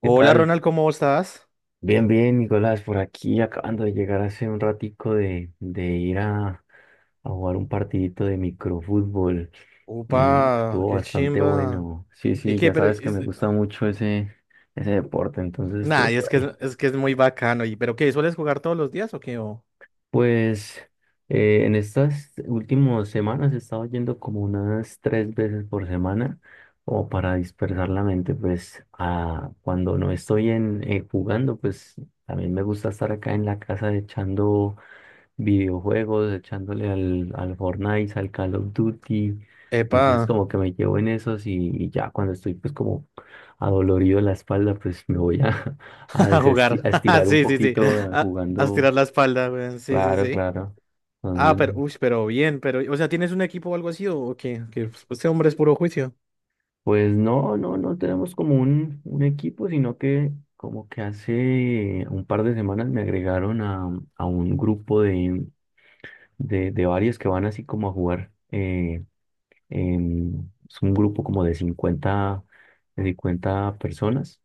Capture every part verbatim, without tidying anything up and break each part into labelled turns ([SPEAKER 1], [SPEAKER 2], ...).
[SPEAKER 1] ¿Qué
[SPEAKER 2] Hola
[SPEAKER 1] tal?
[SPEAKER 2] Ronald, ¿cómo estás?
[SPEAKER 1] Bien, bien, Nicolás, por aquí acabando de llegar hace un ratico de, de ir a, a jugar un partidito de microfútbol. Mm,
[SPEAKER 2] Upa,
[SPEAKER 1] estuvo
[SPEAKER 2] qué
[SPEAKER 1] bastante
[SPEAKER 2] chimba.
[SPEAKER 1] bueno. Sí,
[SPEAKER 2] ¿Y
[SPEAKER 1] sí,
[SPEAKER 2] qué?
[SPEAKER 1] ya
[SPEAKER 2] Pero
[SPEAKER 1] sabes que
[SPEAKER 2] es-
[SPEAKER 1] me gusta mucho ese, ese deporte, entonces estuve
[SPEAKER 2] nah, y es
[SPEAKER 1] por
[SPEAKER 2] que es,
[SPEAKER 1] ahí.
[SPEAKER 2] es que es muy bacano. ¿Y pero qué? ¿Sueles jugar todos los días o qué? O-
[SPEAKER 1] Pues eh, en estas últimas semanas he estado yendo como unas tres veces por semana, o para dispersar la mente, pues a, cuando no estoy en, eh, jugando, pues también me gusta estar acá en la casa echando videojuegos, echándole al, al Fortnite, al Call of Duty.
[SPEAKER 2] Epa,
[SPEAKER 1] Entonces como que me llevo en esos y, y ya cuando estoy pues como adolorido de la espalda, pues me voy a, a
[SPEAKER 2] a
[SPEAKER 1] desesti-
[SPEAKER 2] jugar.
[SPEAKER 1] a estirar un
[SPEAKER 2] Sí, sí, sí.
[SPEAKER 1] poquito eh,
[SPEAKER 2] A, a estirar
[SPEAKER 1] jugando.
[SPEAKER 2] la espalda, weón. Sí, sí,
[SPEAKER 1] Claro,
[SPEAKER 2] sí.
[SPEAKER 1] claro.
[SPEAKER 2] Ah, pero,
[SPEAKER 1] Entonces,
[SPEAKER 2] uy, pero bien, pero, o sea, ¿tienes un equipo o algo así o qué? Que pues, este hombre es puro juicio.
[SPEAKER 1] pues no, no, no tenemos como un, un equipo, sino que como que hace un par de semanas me agregaron a, a un grupo de, de, de varios que van así como a jugar. eh, en- es un grupo como de cincuenta de cincuenta personas.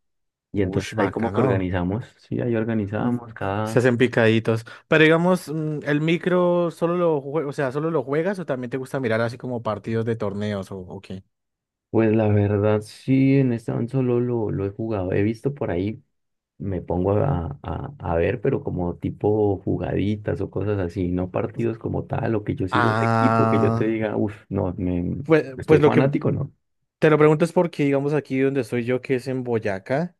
[SPEAKER 1] Y
[SPEAKER 2] Uy,
[SPEAKER 1] entonces ahí como que
[SPEAKER 2] bacano.
[SPEAKER 1] organizamos, sí, ahí
[SPEAKER 2] Mm,
[SPEAKER 1] organizamos
[SPEAKER 2] Se
[SPEAKER 1] cada...
[SPEAKER 2] hacen picaditos. Pero digamos, mm, el micro solo lo jue- o sea, solo lo juegas, o también te gusta mirar así como partidos de torneos, o ¿o qué?
[SPEAKER 1] Pues la verdad, sí, en este momento solo lo, lo he jugado. He visto por ahí me pongo a, a- a ver, pero como tipo jugaditas o cosas así, no partidos como tal, o que yo siga un equipo que yo te
[SPEAKER 2] Ah,
[SPEAKER 1] diga, uff, no, me,
[SPEAKER 2] pues,
[SPEAKER 1] estoy
[SPEAKER 2] pues lo que
[SPEAKER 1] fanático, no.
[SPEAKER 2] te lo pregunto es porque, digamos, aquí donde estoy yo, que es en Boyacá,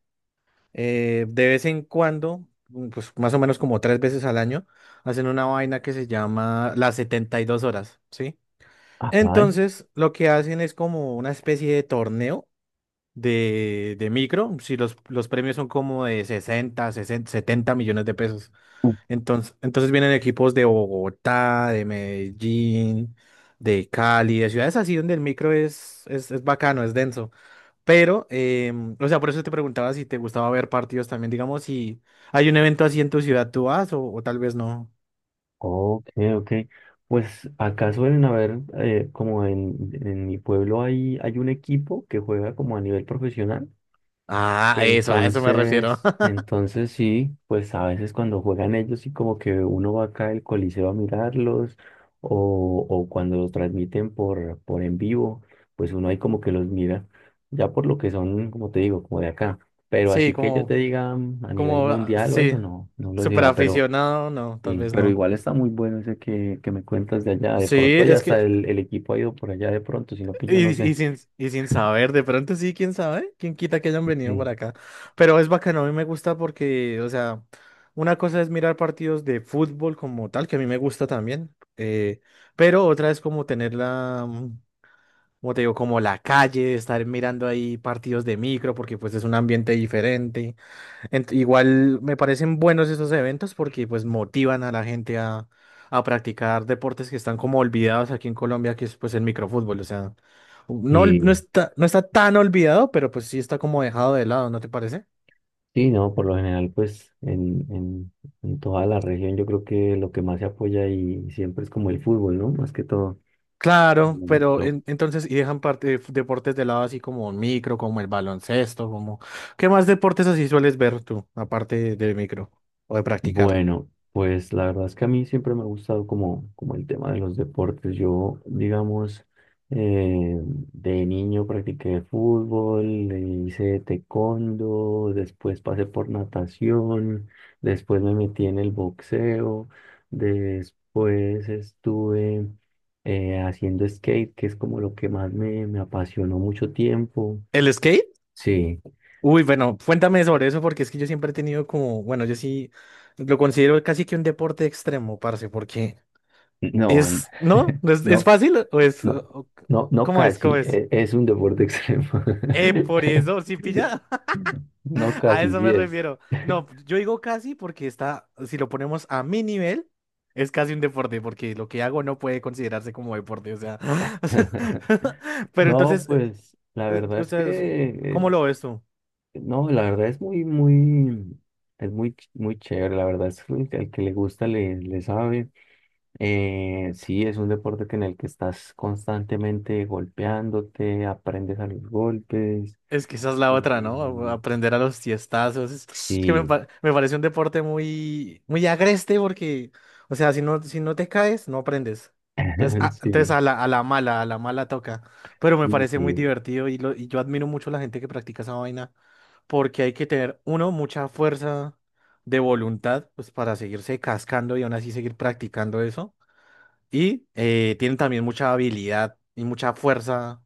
[SPEAKER 2] eh, de vez en cuando, mm, pues más o menos como tres veces al año, hacen una vaina que se llama las setenta y dos horas, ¿sí?
[SPEAKER 1] Ajá.
[SPEAKER 2] Entonces, lo que hacen es como una especie de torneo de, de micro, si los, los premios son como de sesenta 60, setenta millones de pesos. Entonces, entonces vienen equipos de Bogotá, de Medellín, de Cali, de ciudades así donde el micro es, es, es bacano, es denso. Pero, em, o sea, por eso te preguntaba si te gustaba ver partidos también. Digamos, si hay un evento así en tu ciudad, ¿tú vas o, o tal vez no?
[SPEAKER 1] Ok, ok. Pues acá suelen haber, eh, como en, en mi pueblo hay, hay un equipo que juega como a nivel profesional.
[SPEAKER 2] Ah, eso, a eso me refiero.
[SPEAKER 1] Entonces, entonces sí, pues a veces cuando juegan ellos sí como que uno va acá al coliseo a mirarlos o, o cuando los transmiten por, por en vivo, pues uno ahí como que los mira, ya por lo que son, como te digo, como de acá. Pero
[SPEAKER 2] Sí,
[SPEAKER 1] así que yo te
[SPEAKER 2] como,
[SPEAKER 1] diga mm, a nivel
[SPEAKER 2] como, ah,
[SPEAKER 1] mundial o eso,
[SPEAKER 2] sí,
[SPEAKER 1] no, no lo
[SPEAKER 2] súper
[SPEAKER 1] digo, pero
[SPEAKER 2] aficionado, no, tal
[SPEAKER 1] sí,
[SPEAKER 2] vez
[SPEAKER 1] pero
[SPEAKER 2] no.
[SPEAKER 1] igual está muy bueno ese que, que me cuentas de allá, de
[SPEAKER 2] Sí,
[SPEAKER 1] pronto ya
[SPEAKER 2] es
[SPEAKER 1] hasta
[SPEAKER 2] que
[SPEAKER 1] el, el equipo ha ido por allá de pronto, sino que yo no
[SPEAKER 2] Y, y
[SPEAKER 1] sé.
[SPEAKER 2] sin, y sin saber, de pronto sí, quién sabe, quién quita que hayan venido para acá. Pero es bacano, a mí me gusta porque, o sea, una cosa es mirar partidos de fútbol como tal, que a mí me gusta también, eh, pero otra es como tener la, mm, como te digo, como la calle, estar mirando ahí partidos de micro, porque pues es un ambiente diferente. Ent- igual me parecen buenos esos eventos porque pues motivan a la gente a, a practicar deportes que están como olvidados aquí en Colombia, que es pues el microfútbol. O sea, no, ol- no
[SPEAKER 1] Sí.
[SPEAKER 2] está, no está tan olvidado, pero pues sí está como dejado de lado, ¿no te parece?
[SPEAKER 1] Sí, no, por lo general, pues en, en, en toda la región yo creo que lo que más se apoya y siempre es como el fútbol, ¿no? Más que todo.
[SPEAKER 2] Claro,
[SPEAKER 1] Lo,
[SPEAKER 2] pero
[SPEAKER 1] lo
[SPEAKER 2] en- entonces, y dejan parte de f- deportes de lado así como el micro, como el baloncesto, como... ¿Qué más deportes así sueles ver tú, aparte de micro o de practicar?
[SPEAKER 1] Bueno, pues la verdad es que a mí siempre me ha gustado como, como el tema de los deportes. Yo, digamos, eh, de niño practiqué fútbol, le hice taekwondo, después pasé por natación, después me metí en el boxeo, después estuve eh, haciendo skate, que es como lo que más me, me apasionó mucho tiempo.
[SPEAKER 2] ¿El skate?
[SPEAKER 1] Sí.
[SPEAKER 2] Uy, bueno, cuéntame sobre eso porque es que yo siempre he tenido como, bueno, yo sí lo considero casi que un deporte extremo, parce, porque
[SPEAKER 1] No, an-
[SPEAKER 2] es, ¿no? ¿No? ¿Es, es
[SPEAKER 1] no.
[SPEAKER 2] fácil o es,
[SPEAKER 1] No,
[SPEAKER 2] o-
[SPEAKER 1] no, no
[SPEAKER 2] cómo es, cómo
[SPEAKER 1] casi,
[SPEAKER 2] es?
[SPEAKER 1] e- es un deporte extremo.
[SPEAKER 2] Eh, por eso, sí pilla,
[SPEAKER 1] No
[SPEAKER 2] a
[SPEAKER 1] casi,
[SPEAKER 2] eso
[SPEAKER 1] sí
[SPEAKER 2] me
[SPEAKER 1] es.
[SPEAKER 2] refiero. No, yo digo casi porque está, si lo ponemos a mi nivel, es casi un deporte, porque lo que hago no puede considerarse como deporte, o sea. Pero
[SPEAKER 1] No,
[SPEAKER 2] entonces, eh,
[SPEAKER 1] pues la
[SPEAKER 2] eh,
[SPEAKER 1] verdad
[SPEAKER 2] o
[SPEAKER 1] es que,
[SPEAKER 2] sea,
[SPEAKER 1] eh,
[SPEAKER 2] ¿cómo lo ves tú?
[SPEAKER 1] no, la verdad es muy, muy, es muy, ch- muy chévere, la verdad es que el, que el que le gusta le, le sabe. Eh, sí, es un deporte que en el que estás constantemente golpeándote, aprendes a los golpes.
[SPEAKER 2] Es que esa es la otra,
[SPEAKER 1] eh,
[SPEAKER 2] ¿no? A- Aprender a los tiestazos. Es, es que me,
[SPEAKER 1] sí,
[SPEAKER 2] pa- me parece un deporte muy, muy agreste porque, o sea, si no, si no te caes, no aprendes. Entonces, a, entonces
[SPEAKER 1] sí,
[SPEAKER 2] a la, a la mala, a la mala toca. Pero me
[SPEAKER 1] sí,
[SPEAKER 2] parece muy
[SPEAKER 1] sí.
[SPEAKER 2] divertido y, lo, y yo admiro mucho a la gente que practica esa vaina porque hay que tener, uno, mucha fuerza de voluntad pues, para seguirse cascando y aún así seguir practicando eso. Y eh, tienen también mucha habilidad y mucha fuerza,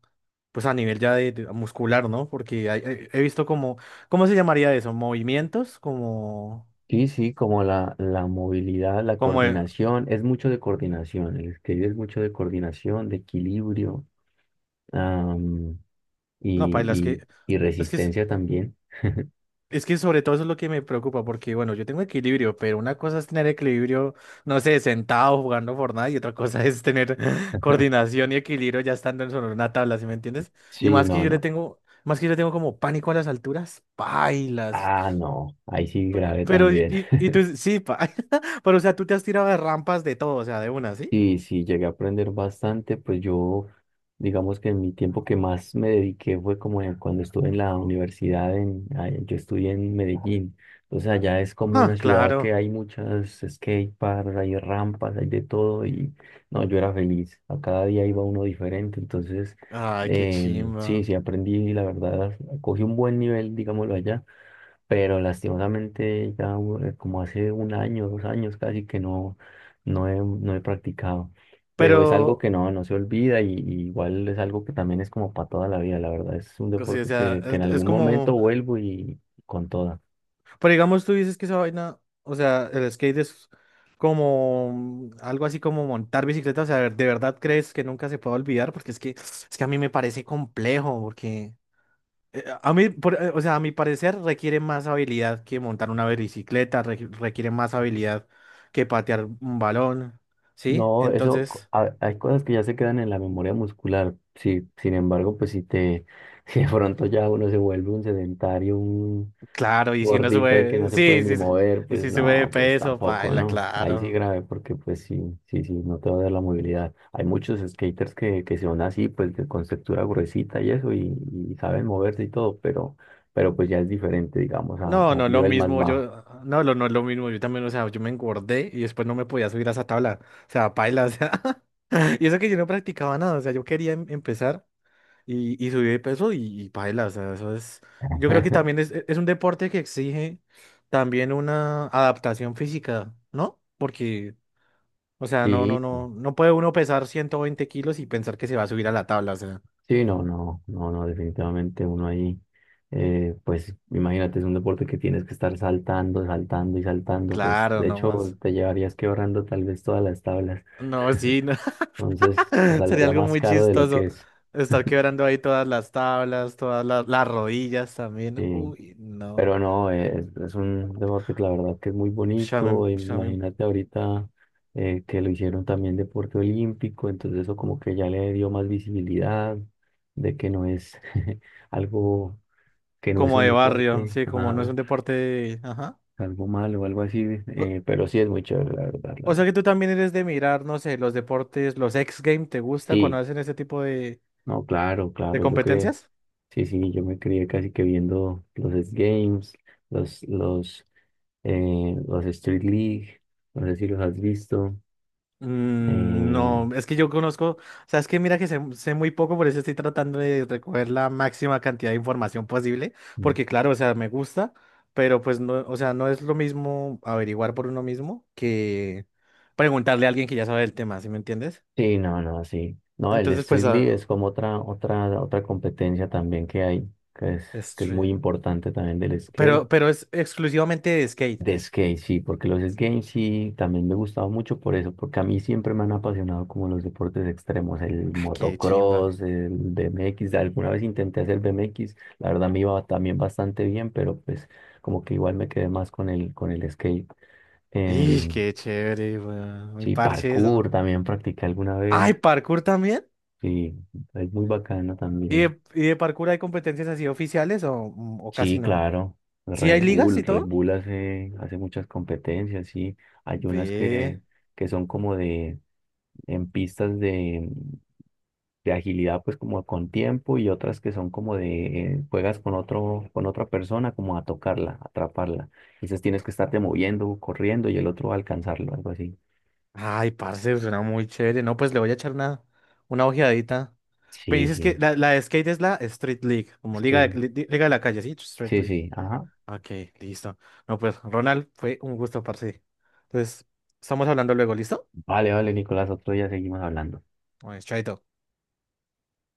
[SPEAKER 2] pues a nivel ya de, de muscular, ¿no? Porque hay- he, he visto como, ¿cómo se llamaría eso? Movimientos, como,
[SPEAKER 1] Sí, sí, como la, la movilidad, la
[SPEAKER 2] como, eh,
[SPEAKER 1] coordinación, es mucho de coordinación, el escribir es mucho de coordinación, de equilibrio am,
[SPEAKER 2] no,
[SPEAKER 1] y,
[SPEAKER 2] paila, es
[SPEAKER 1] y,
[SPEAKER 2] que,
[SPEAKER 1] y
[SPEAKER 2] es que, es
[SPEAKER 1] resistencia también.
[SPEAKER 2] es que sobre todo eso es lo que me preocupa, porque bueno, yo tengo equilibrio, pero una cosa es tener equilibrio, no sé, sentado jugando Fortnite, y otra cosa es tener coordinación y equilibrio ya estando en sobre una tabla, ¿sí me entiendes? Y
[SPEAKER 1] Sí,
[SPEAKER 2] más que
[SPEAKER 1] no,
[SPEAKER 2] yo le
[SPEAKER 1] no.
[SPEAKER 2] tengo, más que yo le tengo como pánico a las alturas, pailas.
[SPEAKER 1] Ah, no, ahí sí grave
[SPEAKER 2] Pero, y,
[SPEAKER 1] también.
[SPEAKER 2] y, y tú, sí, pa. Pero, o sea, tú te has tirado de rampas de todo, o sea, de una, ¿sí?
[SPEAKER 1] Sí, sí, llegué a aprender bastante, pues yo, digamos que en mi tiempo que más me dediqué fue como en- cuando estuve en la universidad, en, ah, yo estudié en Medellín, entonces allá es como una
[SPEAKER 2] Ah,
[SPEAKER 1] ciudad que
[SPEAKER 2] claro.
[SPEAKER 1] hay muchas skate parks, hay rampas, hay de todo y no, yo era feliz, a cada día iba uno diferente, entonces
[SPEAKER 2] Ay, qué
[SPEAKER 1] em, sí,
[SPEAKER 2] chimba.
[SPEAKER 1] sí aprendí, la verdad, cogí un buen nivel, digámoslo allá, pero lastimosamente ya eh, como hace un año, dos años casi que no, no he, no he practicado. Pero es algo
[SPEAKER 2] Pero,
[SPEAKER 1] que no, no se olvida y, y igual es algo que también es como para toda la vida, la verdad. Es un
[SPEAKER 2] pues sí, o
[SPEAKER 1] deporte
[SPEAKER 2] sea,
[SPEAKER 1] que, que
[SPEAKER 2] es,
[SPEAKER 1] en
[SPEAKER 2] es
[SPEAKER 1] algún momento
[SPEAKER 2] como,
[SPEAKER 1] vuelvo y con toda.
[SPEAKER 2] pero digamos, tú dices que esa vaina, o sea, el skate es como mm, algo así como montar bicicleta, o sea, ¿de verdad crees que nunca se puede olvidar? Porque es que, es que a mí me parece complejo, porque, Eh, a mí, por- eh, o sea, a mi parecer requiere más habilidad que montar una bicicleta, re- requiere más habilidad que patear un balón, ¿sí?
[SPEAKER 1] No, eso, co-
[SPEAKER 2] Entonces,
[SPEAKER 1] ha- hay cosas que ya se quedan en la memoria muscular. Sí, sin embargo, pues si te, si de pronto ya uno se vuelve un sedentario,
[SPEAKER 2] claro, y si uno
[SPEAKER 1] gordito y que no
[SPEAKER 2] sube,
[SPEAKER 1] se puede
[SPEAKER 2] sí,
[SPEAKER 1] ni
[SPEAKER 2] sí, sí,
[SPEAKER 1] mover,
[SPEAKER 2] y
[SPEAKER 1] pues
[SPEAKER 2] si sube de
[SPEAKER 1] no, pues
[SPEAKER 2] peso,
[SPEAKER 1] tampoco,
[SPEAKER 2] paila,
[SPEAKER 1] ¿no? Ahí sí
[SPEAKER 2] claro.
[SPEAKER 1] grave, porque pues sí, sí, sí, no te va a dar la movilidad. Hay muchos skaters que, que son así, pues de conceptura gruesita y eso, y, y saben moverse y todo, pero, pero pues ya es diferente, digamos, a, a
[SPEAKER 2] No,
[SPEAKER 1] un
[SPEAKER 2] no es lo
[SPEAKER 1] nivel más
[SPEAKER 2] mismo,
[SPEAKER 1] bajo.
[SPEAKER 2] yo, no, lo- no es lo mismo, yo también, o sea, yo me engordé y después no me podía subir a esa tabla, o sea, paila, o sea, y eso que yo no practicaba nada, o sea, yo quería em- empezar. y, y subí de peso y, y paila, o sea, eso es, yo creo que también es, e, es un deporte que exige también una adaptación física, ¿no? Porque, o sea, no, no,
[SPEAKER 1] Sí,
[SPEAKER 2] no, no puede uno pesar ciento veinte kilos y pensar que se va a subir a la tabla, o sea,
[SPEAKER 1] sí, no, no, no, no, definitivamente uno ahí, eh, pues imagínate, es un deporte que tienes que estar saltando, saltando y saltando, pues
[SPEAKER 2] claro,
[SPEAKER 1] de hecho
[SPEAKER 2] nomás,
[SPEAKER 1] te llevarías quebrando tal vez todas las tablas.
[SPEAKER 2] no, sí, no.
[SPEAKER 1] Entonces, pues,
[SPEAKER 2] Sería
[SPEAKER 1] saldría
[SPEAKER 2] algo
[SPEAKER 1] más
[SPEAKER 2] muy
[SPEAKER 1] caro de lo que
[SPEAKER 2] chistoso
[SPEAKER 1] es.
[SPEAKER 2] estar quebrando ahí todas las tablas, todas las, las rodillas también,
[SPEAKER 1] Sí.
[SPEAKER 2] uy, no,
[SPEAKER 1] Pero no, eh, es, es un deporte que la verdad que es muy
[SPEAKER 2] ush, a mí-
[SPEAKER 1] bonito.
[SPEAKER 2] ush, a mí-
[SPEAKER 1] Imagínate ahorita eh, que lo hicieron también deporte olímpico, entonces eso como que ya le dio más visibilidad de que no es algo, que no es
[SPEAKER 2] como
[SPEAKER 1] un
[SPEAKER 2] de barrio,
[SPEAKER 1] deporte,
[SPEAKER 2] sí, como no es
[SPEAKER 1] ajá,
[SPEAKER 2] un deporte, ajá.
[SPEAKER 1] algo malo o algo así. Eh, pero sí es muy chévere, la verdad. La
[SPEAKER 2] O
[SPEAKER 1] verdad.
[SPEAKER 2] sea que tú también eres de mirar, no sé, los deportes, los X Games, ¿te gusta cuando
[SPEAKER 1] Sí.
[SPEAKER 2] hacen ese tipo de,
[SPEAKER 1] No, claro,
[SPEAKER 2] de
[SPEAKER 1] claro, yo creo.
[SPEAKER 2] competencias?
[SPEAKER 1] Sí, sí, yo me crié casi que viendo los X Games, los, los, eh, los Street League, no sé si los has visto.
[SPEAKER 2] Mm,
[SPEAKER 1] eh,
[SPEAKER 2] no, es que yo conozco, o sea, es que mira que sé, sé muy poco, por eso estoy tratando de recoger la máxima cantidad de información posible, porque claro, o sea, me gusta, pero pues no, o sea, no es lo mismo averiguar por uno mismo que preguntarle a alguien que ya sabe del tema, ¿sí me entiendes?
[SPEAKER 1] sí, no, no, sí. No, el
[SPEAKER 2] Entonces, pues,
[SPEAKER 1] Street League es
[SPEAKER 2] ah,
[SPEAKER 1] como otra, otra, otra competencia también que hay, que es, que es muy
[SPEAKER 2] este,
[SPEAKER 1] importante también del skate.
[SPEAKER 2] pero, pero es exclusivamente de skate.
[SPEAKER 1] De skate, sí, porque los skates sí también me gustaba mucho por eso, porque a mí siempre me han apasionado como los deportes extremos, el
[SPEAKER 2] Ah, qué chimba.
[SPEAKER 1] motocross, el B M X, alguna vez intenté hacer B M X, la verdad me iba también bastante bien, pero pues como que igual me quedé más con el, con el skate.
[SPEAKER 2] ¡Y
[SPEAKER 1] Em,
[SPEAKER 2] qué chévere, weón! Muy
[SPEAKER 1] sí,
[SPEAKER 2] parche eso.
[SPEAKER 1] parkour también practiqué alguna
[SPEAKER 2] ¡Ay,
[SPEAKER 1] vez,
[SPEAKER 2] parkour también!
[SPEAKER 1] sí, es muy bacano
[SPEAKER 2] ¿Y
[SPEAKER 1] también.
[SPEAKER 2] de, y de parkour hay competencias así oficiales o, mm, o casi
[SPEAKER 1] Sí,
[SPEAKER 2] no?
[SPEAKER 1] claro,
[SPEAKER 2] ¿Sí hay
[SPEAKER 1] Red
[SPEAKER 2] ligas
[SPEAKER 1] Bull,
[SPEAKER 2] y
[SPEAKER 1] Red
[SPEAKER 2] todo?
[SPEAKER 1] Bull hace, hace muchas competencias, sí, hay unas
[SPEAKER 2] Ve.
[SPEAKER 1] que, que son como de en pistas de, de agilidad, pues como con tiempo y otras que son como de eh, juegas con otro, con otra persona como a tocarla, atraparla. Entonces tienes que estarte moviendo, corriendo y el otro va a alcanzarlo, algo así.
[SPEAKER 2] Ay, parce, suena muy chévere. No, pues le voy a echar una, una ojeadita. Me
[SPEAKER 1] Sí,
[SPEAKER 2] dices que
[SPEAKER 1] sí.
[SPEAKER 2] la, la de skate es la Street League, como liga de,
[SPEAKER 1] Estoy-
[SPEAKER 2] li- liga de la calle, ¿sí? Street
[SPEAKER 1] Sí,
[SPEAKER 2] League.
[SPEAKER 1] sí. Ajá.
[SPEAKER 2] Ok, listo. No, pues, Ronald, fue un gusto, parce. Entonces, estamos hablando luego, ¿listo?
[SPEAKER 1] Vale, vale, Nicolás, otro día seguimos hablando.
[SPEAKER 2] Bueno, chaito.